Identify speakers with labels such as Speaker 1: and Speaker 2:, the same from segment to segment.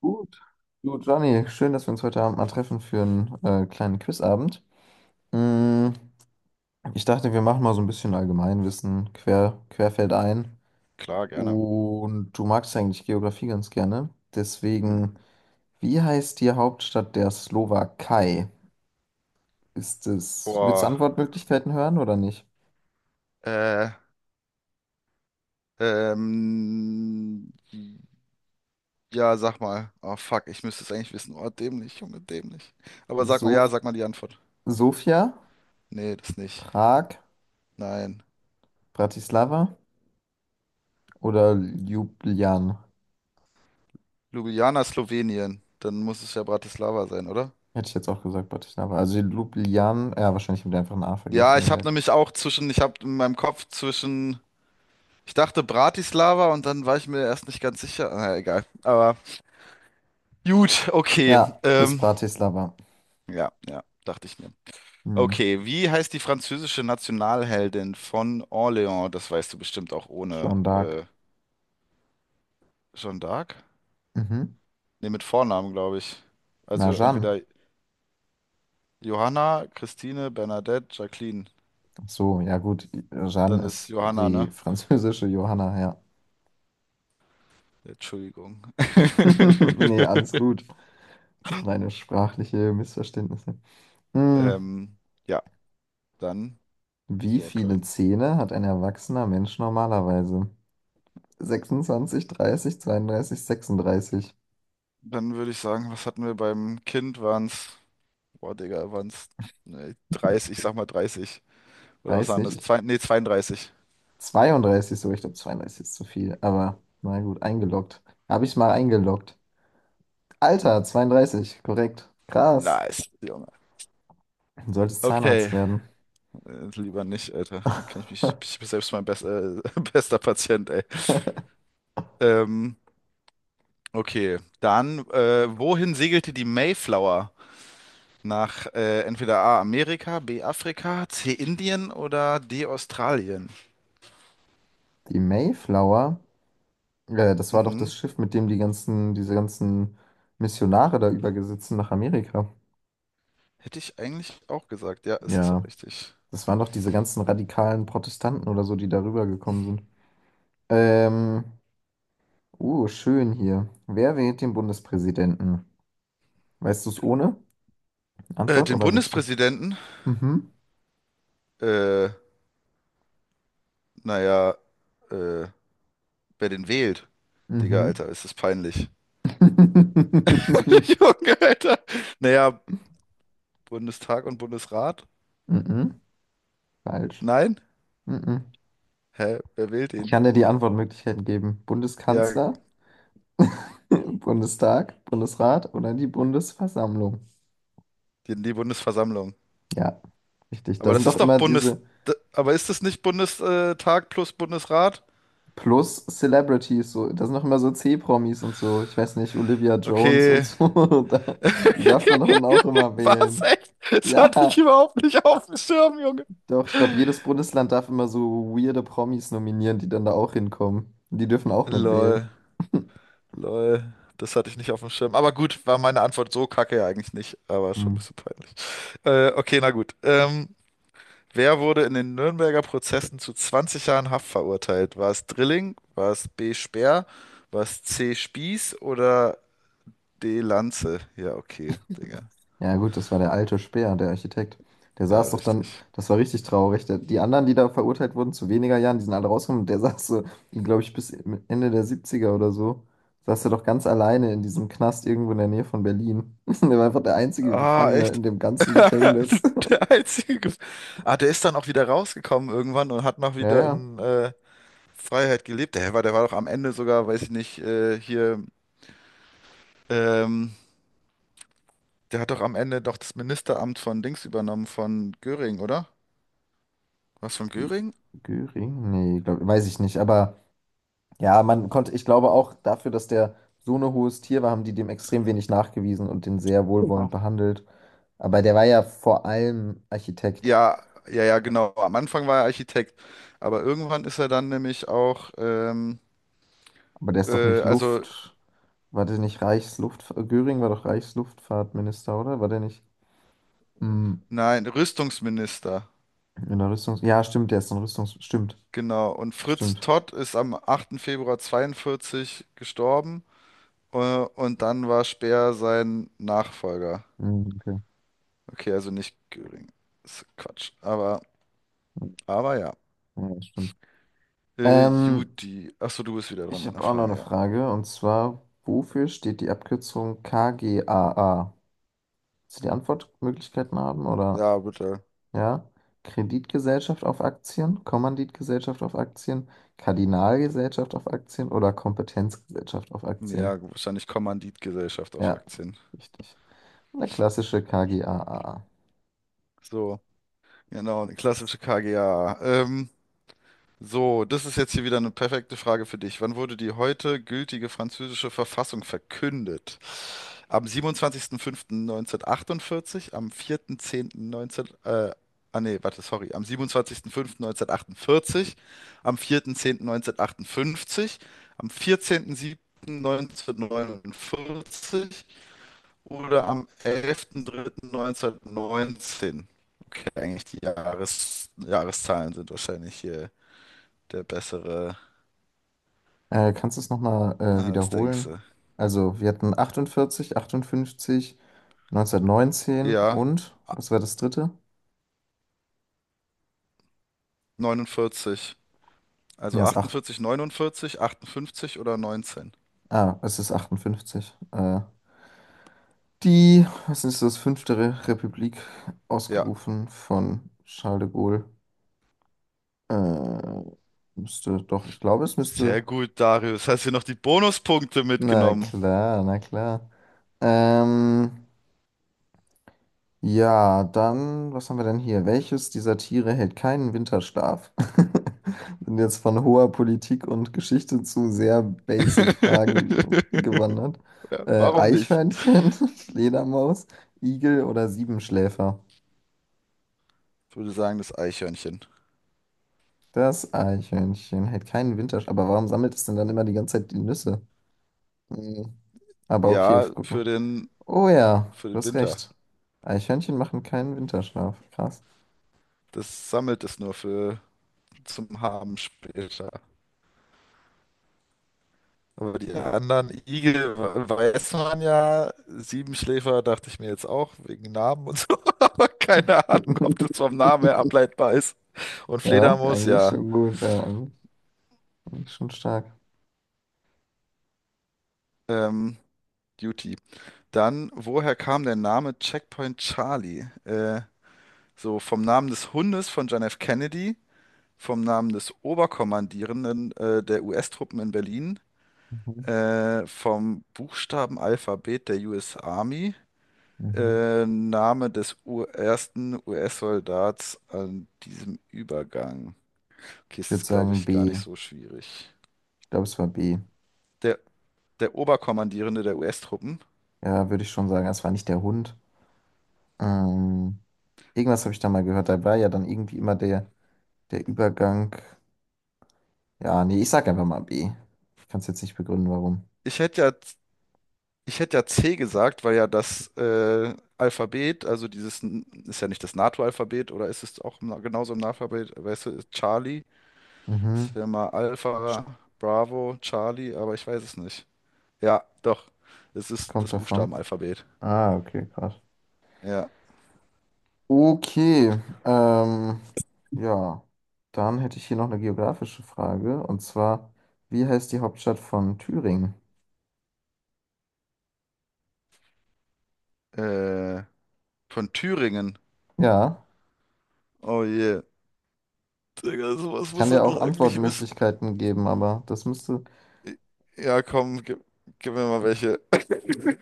Speaker 1: Gut. Du, Johnny, schön, dass wir uns heute Abend mal treffen für einen kleinen Quizabend. Mm, ich dachte, wir machen mal so ein bisschen Allgemeinwissen querfeld ein.
Speaker 2: Klar, gerne.
Speaker 1: Und du magst eigentlich Geografie ganz gerne.
Speaker 2: Hm.
Speaker 1: Deswegen, wie heißt die Hauptstadt der Slowakei? Willst du
Speaker 2: Boah.
Speaker 1: Antwortmöglichkeiten hören oder nicht?
Speaker 2: Äh, ähm, ja, sag mal. Oh fuck, ich müsste es eigentlich wissen. Oh, dämlich, Junge, dämlich. Aber sag mal, ja,
Speaker 1: So
Speaker 2: sag mal die Antwort.
Speaker 1: Sofia,
Speaker 2: Nee, das nicht.
Speaker 1: Prag,
Speaker 2: Nein.
Speaker 1: Bratislava oder Ljubljana?
Speaker 2: Ljubljana, Slowenien. Dann muss es ja Bratislava sein, oder?
Speaker 1: Hätte ich jetzt auch gesagt, Bratislava. Also Ljubljana, ja, wahrscheinlich mit ich einfach ein A
Speaker 2: Ja,
Speaker 1: vergessen in der.
Speaker 2: ich habe in meinem Kopf zwischen, ich dachte Bratislava und dann war ich mir erst nicht ganz sicher. Na, egal. Aber gut, okay.
Speaker 1: Ja, ist
Speaker 2: Ähm,
Speaker 1: Bratislava.
Speaker 2: ja, ja, dachte ich mir.
Speaker 1: Hm,
Speaker 2: Okay, wie heißt die französische Nationalheldin von Orléans? Das weißt du bestimmt auch ohne
Speaker 1: schon dark.
Speaker 2: Jeanne d'Arc.
Speaker 1: Mhm.
Speaker 2: Ne, mit Vornamen, glaube ich.
Speaker 1: Na,
Speaker 2: Also
Speaker 1: Jeanne.
Speaker 2: entweder Johanna, Christine, Bernadette, Jacqueline.
Speaker 1: Ach so, ja gut. Jeanne
Speaker 2: Dann ist
Speaker 1: ist
Speaker 2: Johanna,
Speaker 1: die
Speaker 2: ne?
Speaker 1: französische Johanna, ja.
Speaker 2: Entschuldigung.
Speaker 1: Nee, alles gut. Kleine sprachliche Missverständnisse. Hm,
Speaker 2: Ähm, ja, dann it's
Speaker 1: wie
Speaker 2: your
Speaker 1: viele
Speaker 2: turn.
Speaker 1: Zähne hat ein erwachsener Mensch normalerweise? 26, 30, 32, 36.
Speaker 2: Dann würde ich sagen, was hatten wir beim Kind? Waren's, boah, Digga, waren's ne, 30, ich sag mal 30. Oder was waren das?
Speaker 1: 30?
Speaker 2: Zwei, nee, 32.
Speaker 1: 32 so, ich glaube 32 ist zu viel, aber na gut, eingeloggt. Habe ich mal eingeloggt. Alter, 32, korrekt. Krass.
Speaker 2: Nice, Junge.
Speaker 1: Du solltest Zahnarzt
Speaker 2: Okay,
Speaker 1: werden.
Speaker 2: lieber nicht, Alter. Da kann ich mich, ich bin selbst mein bester Patient, ey. Ähm, okay, dann, wohin segelte die Mayflower? Nach entweder A, Amerika, B, Afrika, C, Indien oder D, Australien?
Speaker 1: Die Mayflower, das war doch
Speaker 2: Mhm.
Speaker 1: das Schiff, mit dem die ganzen, diese ganzen Missionare da übergesetzt sind nach Amerika.
Speaker 2: Hätte ich eigentlich auch gesagt. Ja, ist es auch
Speaker 1: Ja,
Speaker 2: richtig.
Speaker 1: das waren doch diese ganzen radikalen Protestanten oder so, die darüber gekommen sind. Ähm, schön hier. Wer wählt den Bundespräsidenten? Weißt du es ohne
Speaker 2: Äh,
Speaker 1: Antwort
Speaker 2: den
Speaker 1: oder willst du?
Speaker 2: Bundespräsidenten?
Speaker 1: Mhm.
Speaker 2: Äh, naja, äh, wer den wählt? Digga,
Speaker 1: Mhm.
Speaker 2: Alter, ist es peinlich. Junge, Alter. Naja, Bundestag und Bundesrat?
Speaker 1: Mhm. Falsch.
Speaker 2: Nein?
Speaker 1: Mhm.
Speaker 2: Hä? Wer wählt
Speaker 1: Ich
Speaker 2: ihn?
Speaker 1: kann dir die Antwortmöglichkeiten geben.
Speaker 2: Ja,
Speaker 1: Bundeskanzler, Bundestag, Bundesrat oder die Bundesversammlung.
Speaker 2: die Bundesversammlung.
Speaker 1: Ja, richtig. Da
Speaker 2: Aber
Speaker 1: sind
Speaker 2: das
Speaker 1: doch
Speaker 2: ist doch
Speaker 1: immer
Speaker 2: Bundes...
Speaker 1: diese
Speaker 2: Aber ist das nicht Bundestag plus Bundesrat?
Speaker 1: Plus-Celebrities, so, da sind doch immer so C-Promis und so. Ich weiß nicht, Olivia Jones und
Speaker 2: Okay.
Speaker 1: so. Da, die darf doch dann auch immer
Speaker 2: Was?
Speaker 1: wählen.
Speaker 2: Echt? Das hatte ich
Speaker 1: Ja,
Speaker 2: überhaupt nicht auf dem Schirm, Junge.
Speaker 1: doch, ich glaube, jedes Bundesland darf immer so weirde Promis nominieren, die dann da auch hinkommen. Die dürfen auch
Speaker 2: Lol.
Speaker 1: mitwählen.
Speaker 2: Lol. Das hatte ich nicht auf dem Schirm. Aber gut, war meine Antwort so kacke ja eigentlich nicht. Aber schon ein
Speaker 1: Hm.
Speaker 2: bisschen peinlich. Okay, na gut. Wer wurde in den Nürnberger Prozessen zu 20 Jahren Haft verurteilt? War es Drilling? War es B. Speer? War es C. Spieß oder D. Lanze? Ja, okay, Digga.
Speaker 1: Ja, gut, das war der alte Speer, der Architekt. Der
Speaker 2: Ja,
Speaker 1: saß doch
Speaker 2: richtig.
Speaker 1: dann, das war richtig traurig. Der, die anderen, die da verurteilt wurden zu weniger Jahren, die sind alle rausgekommen. Und der saß so, glaube ich, bis Ende der Siebziger oder so, saß er doch ganz alleine in diesem Knast irgendwo in der Nähe von Berlin. Der war einfach der einzige
Speaker 2: Ah,
Speaker 1: Gefangene in
Speaker 2: echt.
Speaker 1: dem ganzen Gefängnis.
Speaker 2: Der einzige. Der ist dann auch wieder rausgekommen irgendwann und hat noch
Speaker 1: Ja,
Speaker 2: wieder
Speaker 1: ja.
Speaker 2: in Freiheit gelebt. Der war doch am Ende sogar, weiß ich nicht, hier. Ähm, der hat doch am Ende doch das Ministeramt von Dings übernommen, von Göring, oder? Was von
Speaker 1: Gü-
Speaker 2: Göring?
Speaker 1: Göring? Nee, glaub, weiß ich nicht. Aber ja, man konnte, ich glaube auch dafür, dass der so ein hohes Tier war, haben die dem extrem wenig nachgewiesen und den sehr wohlwollend
Speaker 2: Ja.
Speaker 1: behandelt. Aber der war ja vor allem Architekt.
Speaker 2: Ja, ja, ja, genau. Am Anfang war er Architekt, aber irgendwann ist er dann nämlich auch,
Speaker 1: Aber der ist doch nicht
Speaker 2: also
Speaker 1: Luft. War der nicht Reichsluft... Göring war doch Reichsluftfahrtminister, oder? War der nicht mm,
Speaker 2: nein, Rüstungsminister.
Speaker 1: in der Rüstungs... Ja, stimmt, der ist in Rüstungs... Stimmt,
Speaker 2: Genau. Und Fritz
Speaker 1: stimmt.
Speaker 2: Todt ist am 8. Februar 42 gestorben, äh, und dann war Speer sein Nachfolger.
Speaker 1: Okay.
Speaker 2: Okay, also nicht Göring. Ist Quatsch. Aber ja.
Speaker 1: Ja, ja, stimmt. Ähm,
Speaker 2: Juti. Achso, du bist wieder dran
Speaker 1: ich
Speaker 2: mit einer
Speaker 1: habe auch noch
Speaker 2: Frage,
Speaker 1: eine
Speaker 2: ja.
Speaker 1: Frage. Und zwar, wofür steht die Abkürzung KGaA? Willst du die Antwortmöglichkeiten haben, oder?
Speaker 2: Ja, bitte.
Speaker 1: Ja, Kreditgesellschaft auf Aktien, Kommanditgesellschaft auf Aktien, Kardinalgesellschaft auf Aktien oder Kompetenzgesellschaft auf Aktien.
Speaker 2: Ja, wahrscheinlich Kommanditgesellschaft auf
Speaker 1: Ja,
Speaker 2: Aktien.
Speaker 1: richtig. Eine klassische KGaA.
Speaker 2: So. Genau, eine klassische KGA. So, das ist jetzt hier wieder eine perfekte Frage für dich. Wann wurde die heute gültige französische Verfassung verkündet? Am 27.05.1948, am 4.10.19, ah nee, warte, sorry, am 27.05.1948, am 4.10.1958, am 14.07.1949, oder am 11.03.1919. Okay, eigentlich die Jahreszahlen sind wahrscheinlich hier der bessere,
Speaker 1: Kannst du es nochmal
Speaker 2: das denkst
Speaker 1: wiederholen?
Speaker 2: du.
Speaker 1: Also, wir hatten 48, 58, 1919
Speaker 2: Ja,
Speaker 1: und, was war das dritte?
Speaker 2: 49.
Speaker 1: Ja,
Speaker 2: Also 48, 49, 58 oder 19.
Speaker 1: es ist achtundfünfzig. Die, was ist das, fünfte Re Republik,
Speaker 2: Ja,
Speaker 1: ausgerufen von Charles de Gaulle. Äh, müsste, doch, ich glaube, es müsste.
Speaker 2: sehr gut, Darius. Hast du noch die Bonuspunkte
Speaker 1: Na
Speaker 2: mitgenommen?
Speaker 1: klar, na klar. Ähm, ja, dann, was haben wir denn hier? Welches dieser Tiere hält keinen Winterschlaf? Sind jetzt von hoher Politik und Geschichte zu sehr basic Fragen gewandert.
Speaker 2: Ja, warum nicht?
Speaker 1: Eichhörnchen, Fledermaus, Igel oder Siebenschläfer?
Speaker 2: Ich würde sagen, das Eichhörnchen.
Speaker 1: Das Eichhörnchen hält keinen Winterschlaf. Aber warum sammelt es denn dann immer die ganze Zeit die Nüsse? Hm, Aber okay,
Speaker 2: Ja,
Speaker 1: guck mal.
Speaker 2: für den,
Speaker 1: Oh ja,
Speaker 2: für
Speaker 1: du
Speaker 2: den
Speaker 1: hast
Speaker 2: Winter.
Speaker 1: recht. Eichhörnchen machen keinen Winterschlaf. Krass.
Speaker 2: Das sammelt es nur für zum Haben später. Aber die anderen Igel weiß man ja. Siebenschläfer dachte ich mir jetzt auch, wegen Namen und so. Aber keine Ahnung, ob das vom Namen her ableitbar ist. Und
Speaker 1: Ja,
Speaker 2: Fledermaus,
Speaker 1: eigentlich
Speaker 2: ja.
Speaker 1: schon gut. Ja, eigentlich schon stark.
Speaker 2: Ähm, Duty. Dann, woher kam der Name Checkpoint Charlie? So vom Namen des Hundes von John F. Kennedy, vom Namen des Oberkommandierenden der US-Truppen in Berlin,
Speaker 1: Mhm.
Speaker 2: vom Buchstabenalphabet der US Army.
Speaker 1: Mhm.
Speaker 2: Name des U ersten US-Soldats an diesem Übergang. Okay,
Speaker 1: Ich
Speaker 2: es
Speaker 1: würde
Speaker 2: ist, glaube
Speaker 1: sagen
Speaker 2: ich, gar nicht
Speaker 1: B.
Speaker 2: so schwierig.
Speaker 1: Ich glaube, es war B.
Speaker 2: Der, der Oberkommandierende der US-Truppen.
Speaker 1: Ja, würde ich schon sagen. Es war nicht der Hund. Ähm, irgendwas habe ich da mal gehört. Da war ja dann irgendwie immer der Übergang. Ja, nee, ich sag einfach mal B. Ich kann es jetzt nicht begründen, warum.
Speaker 2: Ich hätte ja, ich hätte ja C gesagt, weil ja das Alphabet, also dieses, N- ist ja nicht das NATO-Alphabet, oder ist es auch genauso im NATO-Alphabet? Weißt du, ist Charlie,
Speaker 1: Mhm.
Speaker 2: das wäre mal Alpha,
Speaker 1: St-
Speaker 2: Bravo, Charlie, aber ich weiß es nicht. Ja, doch, es
Speaker 1: Es
Speaker 2: ist
Speaker 1: kommt
Speaker 2: das
Speaker 1: davon.
Speaker 2: Buchstabenalphabet.
Speaker 1: Okay, krass.
Speaker 2: Ja,
Speaker 1: Okay, ja, dann hätte ich hier noch eine geografische Frage und zwar, wie heißt die Hauptstadt von Thüringen?
Speaker 2: äh, von Thüringen.
Speaker 1: Ja,
Speaker 2: Oh je. Digga, sowas
Speaker 1: kann
Speaker 2: muss er
Speaker 1: dir auch
Speaker 2: noch eigentlich wissen.
Speaker 1: Antwortmöglichkeiten geben, aber das müsste.
Speaker 2: Ja, komm, gib mir mal welche.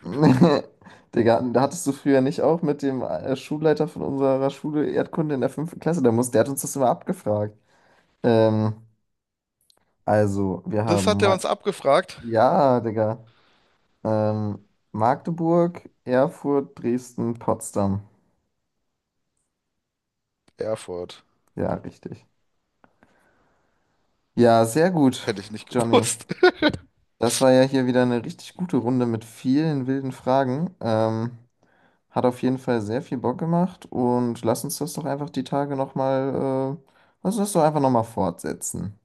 Speaker 1: Digga, da hattest du früher nicht auch mit dem Schulleiter von unserer Schule Erdkunde in der fünften Klasse, der hat uns das immer abgefragt. Ähm, also, wir
Speaker 2: Das
Speaker 1: haben,
Speaker 2: hat er
Speaker 1: Ma
Speaker 2: uns abgefragt.
Speaker 1: ja, Digga, ähm, Magdeburg, Erfurt, Dresden, Potsdam.
Speaker 2: Erfurt.
Speaker 1: Ja, richtig. Ja, sehr gut,
Speaker 2: Hätte ich nicht
Speaker 1: Johnny.
Speaker 2: gewusst.
Speaker 1: Das war ja hier wieder eine richtig gute Runde mit vielen wilden Fragen. Hat auf jeden Fall sehr viel Bock gemacht und lass uns das doch einfach die Tage nochmal, lass uns das doch einfach nochmal fortsetzen.